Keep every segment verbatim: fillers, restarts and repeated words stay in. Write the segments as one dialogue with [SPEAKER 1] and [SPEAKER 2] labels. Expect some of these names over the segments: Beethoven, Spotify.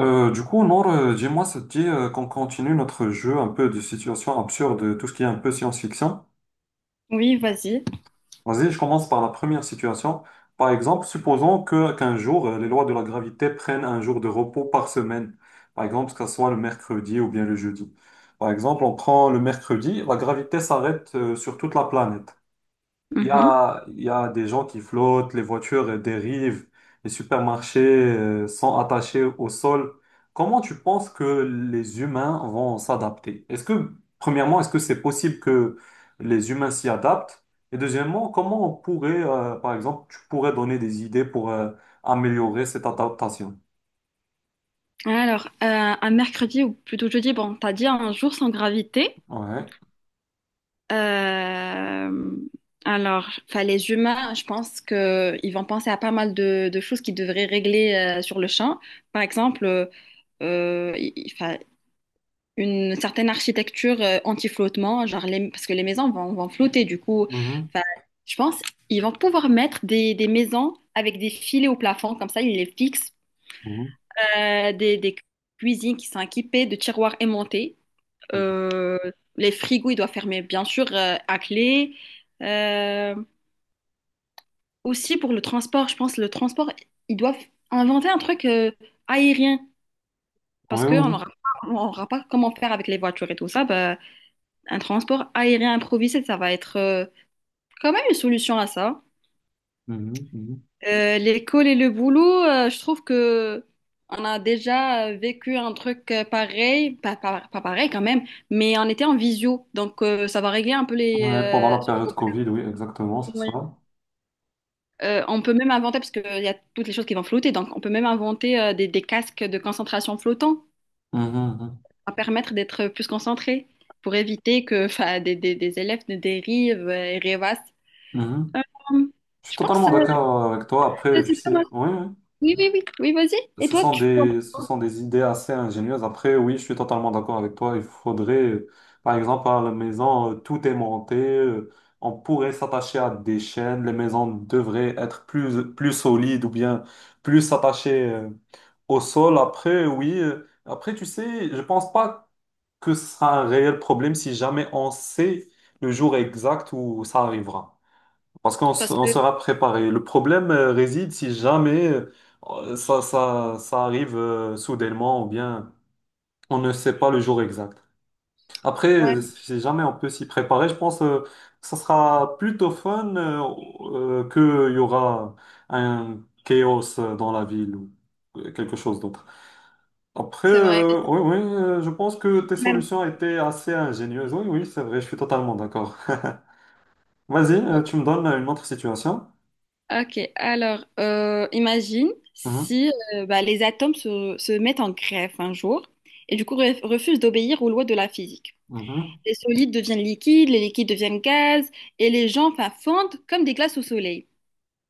[SPEAKER 1] Euh, du coup, Nour, euh, dis-moi, ça te dit euh, qu'on continue notre jeu un peu de situation absurde, euh, tout ce qui est un peu science-fiction.
[SPEAKER 2] Oui, vas-y.
[SPEAKER 1] Vas-y, je commence par la première situation. Par exemple, supposons que qu'un jour, euh, les lois de la gravité prennent un jour de repos par semaine. Par exemple, que ce soit le mercredi ou bien le jeudi. Par exemple, on prend le mercredi, la gravité s'arrête euh, sur toute la planète. Il y
[SPEAKER 2] Mhm.
[SPEAKER 1] a, il y a des gens qui flottent, les voitures euh, dérivent, les supermarchés euh, sont attachés au sol. Comment tu penses que les humains vont s'adapter? Est-ce que, premièrement, est-ce que c'est possible que les humains s'y adaptent? Et deuxièmement, comment on pourrait, euh, par exemple, tu pourrais donner des idées pour euh, améliorer cette adaptation?
[SPEAKER 2] Alors, euh, un mercredi ou plutôt jeudi, bon, t'as dit un jour sans gravité.
[SPEAKER 1] Ouais.
[SPEAKER 2] Euh, alors, enfin, les humains, je pense que ils vont penser à pas mal de, de choses qu'ils devraient régler euh, sur le champ. Par exemple, euh, euh, il- il- enfin, une certaine architecture euh, anti-flottement, genre les- parce que les maisons vont, vont flotter. Du coup,
[SPEAKER 1] Mhm.
[SPEAKER 2] enfin, je pense ils vont pouvoir mettre des, des maisons avec des filets au plafond, comme ça, ils les fixent
[SPEAKER 1] Mhm.
[SPEAKER 2] euh, des, des cuisines qui sont équipées de tiroirs aimantés. Euh, les frigos, ils doivent fermer, bien sûr, euh, à clé. Euh, Aussi, pour le transport, je pense, le transport, ils doivent inventer un truc euh, aérien. Parce
[SPEAKER 1] Oui,
[SPEAKER 2] qu'on
[SPEAKER 1] oui.
[SPEAKER 2] n'aura pas, on aura pas comment faire avec les voitures et tout ça. Bah, un transport aérien improvisé, ça va être euh, quand même une solution à ça.
[SPEAKER 1] Mhm, mhm.
[SPEAKER 2] Euh, l'école et le boulot, euh, je trouve que on a déjà euh, vécu un truc euh, pareil, pas, pas- pas pareil quand même, mais on était en visio, donc euh, ça va régler un peu les
[SPEAKER 1] Ouais, pendant
[SPEAKER 2] euh,
[SPEAKER 1] la
[SPEAKER 2] ce
[SPEAKER 1] période Covid,
[SPEAKER 2] problème.
[SPEAKER 1] oui, exactement, c'est
[SPEAKER 2] Ouais.
[SPEAKER 1] ça.
[SPEAKER 2] Euh, on peut même inventer, parce qu'il y a toutes les choses qui vont flotter, donc on peut même inventer euh, des, des casques de concentration flottants,
[SPEAKER 1] Mhm,
[SPEAKER 2] à permettre d'être plus concentré, pour éviter que 'fin, des, des- des élèves ne dérivent euh, et rêvassent.
[SPEAKER 1] mhm. Mhm.
[SPEAKER 2] Euh,
[SPEAKER 1] Je suis
[SPEAKER 2] je pense
[SPEAKER 1] totalement
[SPEAKER 2] euh,
[SPEAKER 1] d'accord euh, avec toi. Après,
[SPEAKER 2] c'est
[SPEAKER 1] tu
[SPEAKER 2] pas mal.
[SPEAKER 1] sais, oui, oui.
[SPEAKER 2] Oui, oui, oui, oui, vas-y. Et
[SPEAKER 1] Ce
[SPEAKER 2] toi,
[SPEAKER 1] sont
[SPEAKER 2] tu penses?
[SPEAKER 1] des, ce sont des idées assez ingénieuses. Après, oui, je suis totalement d'accord avec toi. Il faudrait, euh, par exemple, à la maison, euh, tout est monté. euh, On pourrait s'attacher à des chaînes. Les maisons devraient être plus, plus solides ou bien plus attachées euh, au sol. Après, oui. euh, Après, tu sais, je pense pas que ce sera un réel problème si jamais on sait le jour exact où ça arrivera. Parce qu'on s-
[SPEAKER 2] Parce
[SPEAKER 1] on
[SPEAKER 2] que
[SPEAKER 1] sera préparé. Le problème euh, réside si jamais euh, ça, ça, ça arrive euh, soudainement ou bien on ne sait pas le jour exact. Après,
[SPEAKER 2] ouais.
[SPEAKER 1] euh, si jamais on peut s'y préparer, je pense euh, que ça sera plutôt fun euh, euh, que qu'il y aura un chaos euh, dans la ville ou euh, quelque chose d'autre. Après,
[SPEAKER 2] C'est vrai, mais
[SPEAKER 1] euh,
[SPEAKER 2] ça-
[SPEAKER 1] oui, oui, euh, je pense que tes
[SPEAKER 2] même.
[SPEAKER 1] solutions étaient assez ingénieuses. Oui, oui, c'est vrai, je suis totalement d'accord. Vas-y,
[SPEAKER 2] Ouais.
[SPEAKER 1] euh, tu me donnes une autre situation.
[SPEAKER 2] Ok, alors euh, imagine
[SPEAKER 1] Mhm,
[SPEAKER 2] si euh, bah, les atomes se, se mettent en grève un jour et du coup re- refusent d'obéir aux lois de la physique.
[SPEAKER 1] mhm,
[SPEAKER 2] Les solides deviennent liquides, les liquides deviennent gaz et les gens enfin, fondent comme des glaces au soleil.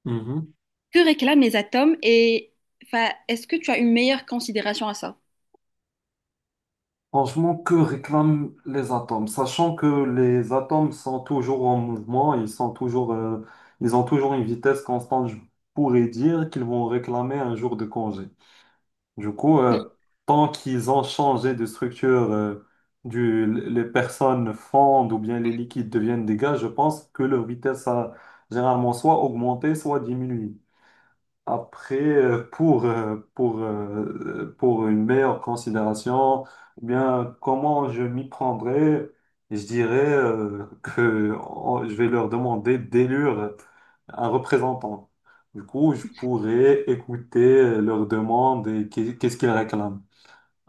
[SPEAKER 1] mhm.
[SPEAKER 2] Que réclament les atomes et enfin, est-ce que tu as une meilleure considération à ça?
[SPEAKER 1] Franchement, que réclament les atomes? Sachant que les atomes sont toujours en mouvement, ils sont toujours, euh, ils ont toujours une vitesse constante, je pourrais dire qu'ils vont réclamer un jour de congé. Du coup, euh, tant qu'ils ont changé de structure, euh, du, les personnes fondent ou bien les liquides deviennent des gaz, je pense que leur vitesse a généralement soit augmenté, soit diminué. Après, euh, pour, euh, pour, euh, pour une meilleure considération, ou bien, comment je m'y prendrais, je dirais euh, que on- je vais leur demander d'élire un représentant. Du coup, je pourrais écouter leurs demandes et qu'est- qu'est-ce qu'ils réclament.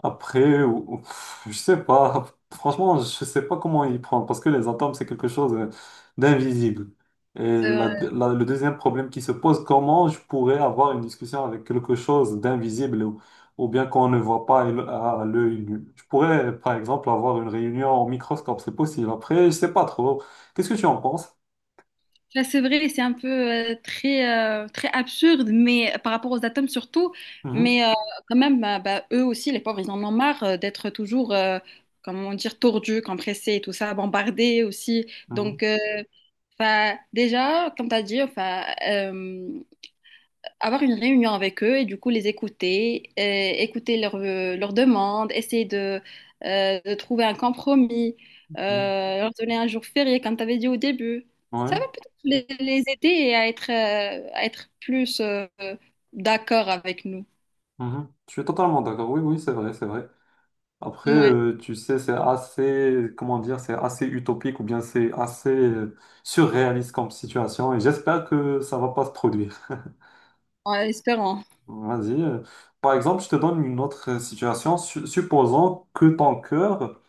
[SPEAKER 1] Après, ou- ou- pff, je sais pas. Franchement, je sais pas comment y prendre parce que les atomes, c'est quelque chose euh, d'invisible. Et la- la- le deuxième problème qui se pose, comment je pourrais avoir une discussion avec quelque chose d'invisible ou, ou bien qu'on ne voit pas à l'œ- à l'œil nu? Je pourrais, par exemple, avoir une réunion au microscope, c'est possible. Après, je sais pas trop. Qu'est-ce que tu en penses?
[SPEAKER 2] Ça, c'est vrai, c'est un peu euh, très, euh, très absurde, mais euh, par rapport aux atomes surtout,
[SPEAKER 1] Mhm,
[SPEAKER 2] mais euh, quand même, bah, bah, eux aussi, les pauvres, ils en ont marre euh, d'être toujours, euh, comment dire, tordus, compressés et tout ça, bombardés aussi.
[SPEAKER 1] mhm,
[SPEAKER 2] Donc, euh, 'fin, déjà, comme tu as dit, enfin euh, avoir une réunion avec eux et du coup les écouter, et écouter leurs euh, leurs demandes, essayer de, euh, de trouver un compromis,
[SPEAKER 1] mhm.
[SPEAKER 2] euh, leur donner un jour férié comme tu avais dit au début. Ça
[SPEAKER 1] Ouais,
[SPEAKER 2] va peut-être les, les aider à être, euh, à être plus euh, d'accord avec nous.
[SPEAKER 1] mhm. Je suis totalement d'accord. Oui, oui, c'est vrai, c'est vrai. Après,
[SPEAKER 2] Ouais,
[SPEAKER 1] euh, tu sais, c'est assez, comment dire, c'est assez utopique ou bien c'est assez euh, surréaliste comme situation et j'espère que ça va pas se produire.
[SPEAKER 2] en espérant.
[SPEAKER 1] Vas-y. euh. Par exemple, je te donne une autre euh, situation. Su- supposons que ton cœur,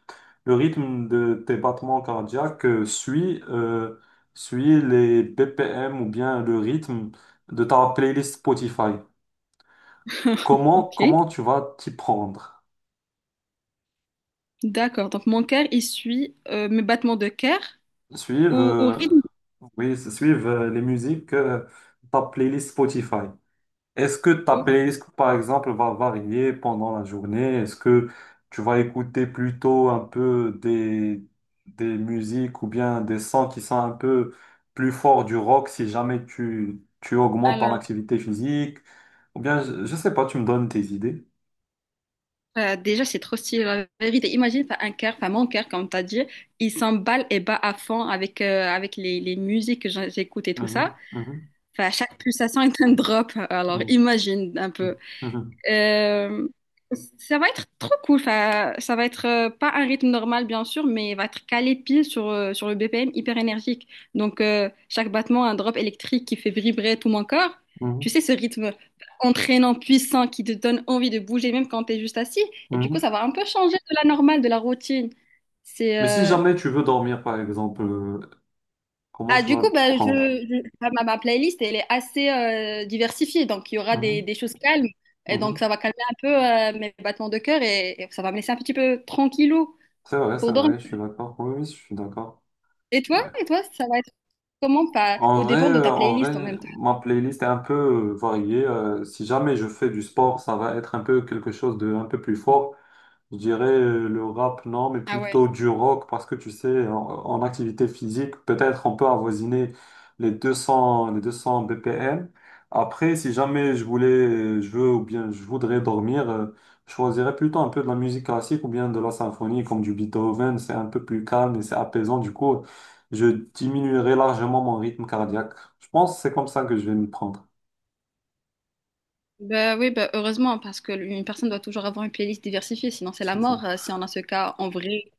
[SPEAKER 1] le rythme de tes battements cardiaques euh, suit, euh, suit les B P M ou bien le rythme de ta playlist Spotify. Comment,
[SPEAKER 2] Ok,
[SPEAKER 1] comment tu vas t'y prendre?
[SPEAKER 2] d'accord. Donc mon cœur, il suit euh, mes battements de cœur au, au
[SPEAKER 1] Suivre.
[SPEAKER 2] rythme.
[SPEAKER 1] Oui, se suivent euh, les musiques, euh, ta playlist Spotify. Est-ce que ta
[SPEAKER 2] Oh,
[SPEAKER 1] playlist, par exemple, va varier pendant la journée? Est-ce que tu vas écouter plutôt un peu des, des musiques ou bien des sons qui sont un peu plus forts du rock si jamais tu, tu augmentes ton
[SPEAKER 2] Alors.
[SPEAKER 1] activité physique? Ou bien, je, je sais pas, tu me donnes tes idées.
[SPEAKER 2] Euh, déjà, c'est trop stylé, la vérité. Imagine, t'as un cœur, enfin mon cœur, comme t'as dit, il s'emballe et bat à fond avec, euh, avec les, les musiques que j'en- j'écoute et tout ça.
[SPEAKER 1] Mhm, mhm,
[SPEAKER 2] Enfin, chaque pulsation est un drop, alors
[SPEAKER 1] mhm,
[SPEAKER 2] imagine un peu.
[SPEAKER 1] mhm,
[SPEAKER 2] Euh, Ça va être trop cool. Enfin, ça va être euh, pas un rythme normal, bien sûr, mais il va être calé pile sur, euh, sur le B P M hyper énergique. Donc, euh, chaque battement, un drop électrique qui fait vibrer tout mon corps. Tu
[SPEAKER 1] mhm,
[SPEAKER 2] sais, ce rythme entraînant, puissant, qui te donne envie de bouger, même quand tu es juste assis. Et du coup,
[SPEAKER 1] mhm.
[SPEAKER 2] ça va un peu changer de la normale, de la routine. C'est
[SPEAKER 1] Mais si
[SPEAKER 2] euh,
[SPEAKER 1] jamais tu veux dormir, par exemple, euh, comment
[SPEAKER 2] ah,
[SPEAKER 1] tu
[SPEAKER 2] du
[SPEAKER 1] vas
[SPEAKER 2] coup,
[SPEAKER 1] t'y
[SPEAKER 2] bah, je,
[SPEAKER 1] prendre?
[SPEAKER 2] je- ah, ma, ma playlist, elle est assez euh, diversifiée. Donc, il y aura des, des choses calmes. Et donc,
[SPEAKER 1] Mhm.
[SPEAKER 2] ça va calmer un peu euh, mes battements de cœur et, et ça va me laisser un petit peu tranquillou
[SPEAKER 1] C'est vrai, c'est
[SPEAKER 2] pour dormir.
[SPEAKER 1] vrai, je suis d'accord. Oui, oui, je suis d'accord.
[SPEAKER 2] Et toi,
[SPEAKER 1] Ouais.
[SPEAKER 2] et toi, ça va être comment? Pas
[SPEAKER 1] En
[SPEAKER 2] au
[SPEAKER 1] vrai,
[SPEAKER 2] dépend de
[SPEAKER 1] euh,
[SPEAKER 2] ta
[SPEAKER 1] en
[SPEAKER 2] playlist en
[SPEAKER 1] vrai,
[SPEAKER 2] même temps.
[SPEAKER 1] ma playlist est un peu euh, variée. Euh, si jamais je fais du sport, ça va être un peu quelque chose de un peu plus fort. Je dirais euh, le rap, non, mais
[SPEAKER 2] Ah ouais.
[SPEAKER 1] plutôt du rock, parce que tu sais, en, en activité physique, peut-être on peut avoisiner les deux cents, les deux cents B P M. Après, si jamais je voulais, euh, je veux ou bien je voudrais dormir, euh, je choisirais plutôt un peu de la musique classique ou bien de la symphonie, comme du Beethoven. C'est un peu plus calme et c'est apaisant. Du coup, je diminuerais largement mon rythme cardiaque. Je pense que c'est comme ça que je vais m'y prendre.
[SPEAKER 2] Bah oui, bah heureusement, parce que une personne doit toujours avoir une playlist diversifiée, sinon c'est la
[SPEAKER 1] C'est ça.
[SPEAKER 2] mort euh, si on a ce cas en vrai.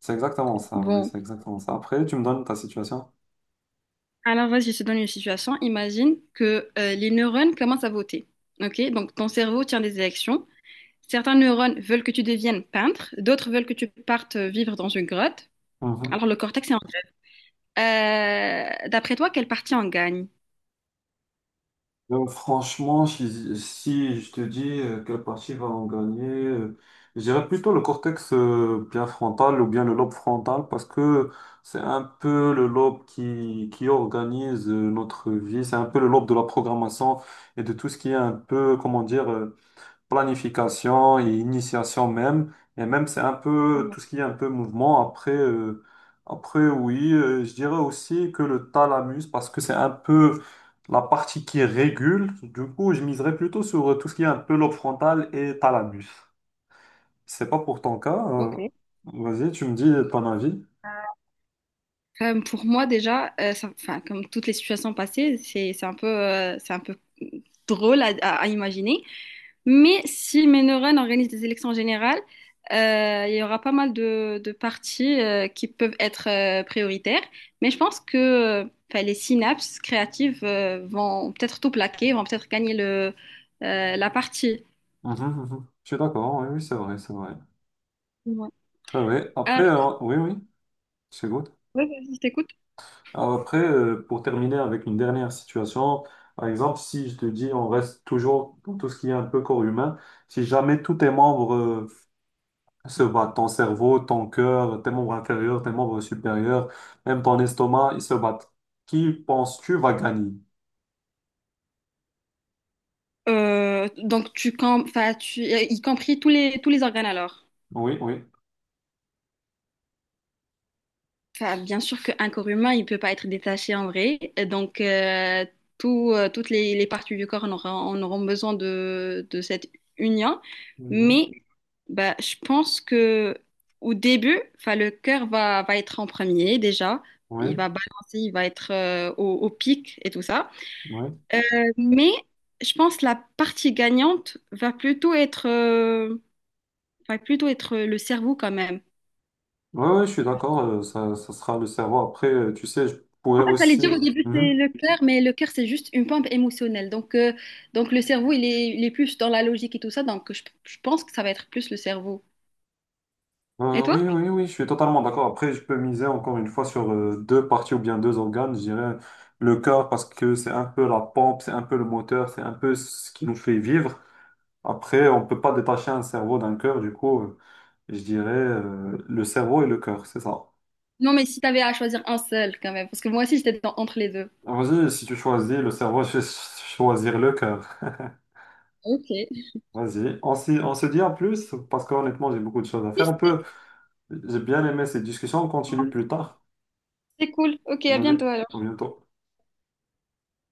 [SPEAKER 1] C'est exactement ça, oui,
[SPEAKER 2] Bon,
[SPEAKER 1] c'est exactement ça. Après, tu me donnes ta situation.
[SPEAKER 2] alors vas-y, je te donne une situation. Imagine que euh, les neurones commencent à voter. Ok, donc ton cerveau tient des élections. Certains neurones veulent que tu deviennes peintre, d'autres veulent que tu partes vivre dans une grotte. Alors, le cortex est en grève. Euh, d'après toi, quelle partie en gagne?
[SPEAKER 1] Euh, franchement, si, si je te dis euh, quelle partie va en gagner, euh, je dirais plutôt le cortex euh, bien frontal ou bien le lobe frontal parce que c'est un peu le lobe qui, qui organise euh, notre vie, c'est un peu le lobe de la programmation et de tout ce qui est un peu, comment dire, euh, planification et initiation même. Et même, c'est un peu
[SPEAKER 2] Ouais.
[SPEAKER 1] tout ce qui est un peu mouvement. Après, euh, après oui, euh, je dirais aussi que le thalamus, parce que c'est un peu la partie qui régule. Du coup, je miserais plutôt sur euh, tout ce qui est un peu lobe frontal et thalamus. C'est pas pour ton cas. Euh,
[SPEAKER 2] Ok.
[SPEAKER 1] vas-y, tu me dis ton avis.
[SPEAKER 2] Euh, pour moi, déjà, euh, ça- enfin, comme toutes les situations passées, c'est c'est un peu, euh, c'est un peu drôle à, à- à imaginer. Mais si Ménorène organise des élections générales, euh, il y aura pas mal de, de partis euh, qui peuvent être euh, prioritaires. Mais je pense que euh, enfin, les synapses créatives euh, vont peut-être tout plaquer, vont peut-être gagner le, euh, la partie.
[SPEAKER 1] Mhm, mhm. Je suis d'accord. Oui, oui, c'est vrai, c'est vrai.
[SPEAKER 2] Ouais.
[SPEAKER 1] C'est vrai. Après,
[SPEAKER 2] Ah,
[SPEAKER 1] euh, oui, oui, c'est good.
[SPEAKER 2] ouais, vas-y, je t'écoute.
[SPEAKER 1] Alors après, euh, pour terminer avec une dernière situation, par exemple, si je te dis on reste toujours dans tout ce qui est un peu corps humain, si jamais tous tes membres euh, se battent, ton cerveau, ton cœur, tes membres inférieurs, tes membres supérieurs, même ton estomac, ils se battent, qui penses-tu va gagner?
[SPEAKER 2] Euh, donc, tu, com- enfin, tu, y compris tous les, tous les organes alors.
[SPEAKER 1] Oui, oui.
[SPEAKER 2] Enfin, bien sûr qu'un corps humain, il peut pas être détaché en vrai. Et donc, euh, tout, euh, toutes les, les parties du corps en auront, en auront besoin de, de cette union.
[SPEAKER 1] Mhm.
[SPEAKER 2] Mais bah, je pense que au début, enfin, le cœur va, va être en premier déjà. Il
[SPEAKER 1] Oui,
[SPEAKER 2] va balancer, il va être euh, au, au pic et tout ça.
[SPEAKER 1] oui.
[SPEAKER 2] Euh, mais je pense que la partie gagnante va plutôt être, euh, va plutôt être le cerveau quand même.
[SPEAKER 1] Oui, oui, je suis d'accord, euh, ça, ça sera le cerveau. Après, euh, tu sais, je pourrais
[SPEAKER 2] En fait, j'allais dire
[SPEAKER 1] aussi...
[SPEAKER 2] au début, c'est
[SPEAKER 1] Mhm.
[SPEAKER 2] le cœur, mais le cœur, c'est juste une pompe émotionnelle. Donc, euh, donc le cerveau, il est, il est plus dans la logique et tout ça. Donc, je, je pense que ça va être plus le cerveau. Et
[SPEAKER 1] Euh,
[SPEAKER 2] toi?
[SPEAKER 1] oui, oui, oui, je suis totalement d'accord. Après, je peux miser encore une fois sur euh, deux parties ou bien deux organes. Je dirais le cœur parce que c'est un peu la pompe, c'est un peu le moteur, c'est un peu ce qui nous fait vivre. Après, on peut pas détacher un cerveau d'un cœur. Du coup, euh, je dirais euh, le cerveau et le cœur, c'est ça.
[SPEAKER 2] Non, mais si tu avais à choisir un seul, quand même. Parce que moi aussi, j'étais dans- entre les deux.
[SPEAKER 1] Vas-y, si tu choisis le cerveau, je vais choisir le cœur.
[SPEAKER 2] Ok. Oui,
[SPEAKER 1] Vas-y, on, s'y- on se dit en plus parce qu'honnêtement, j'ai beaucoup de choses à faire.
[SPEAKER 2] C'est
[SPEAKER 1] On peut, j'ai bien aimé cette discussion. On continue plus tard.
[SPEAKER 2] c'est cool. Ok, à
[SPEAKER 1] Vas-y,
[SPEAKER 2] bientôt
[SPEAKER 1] à
[SPEAKER 2] alors.
[SPEAKER 1] bientôt.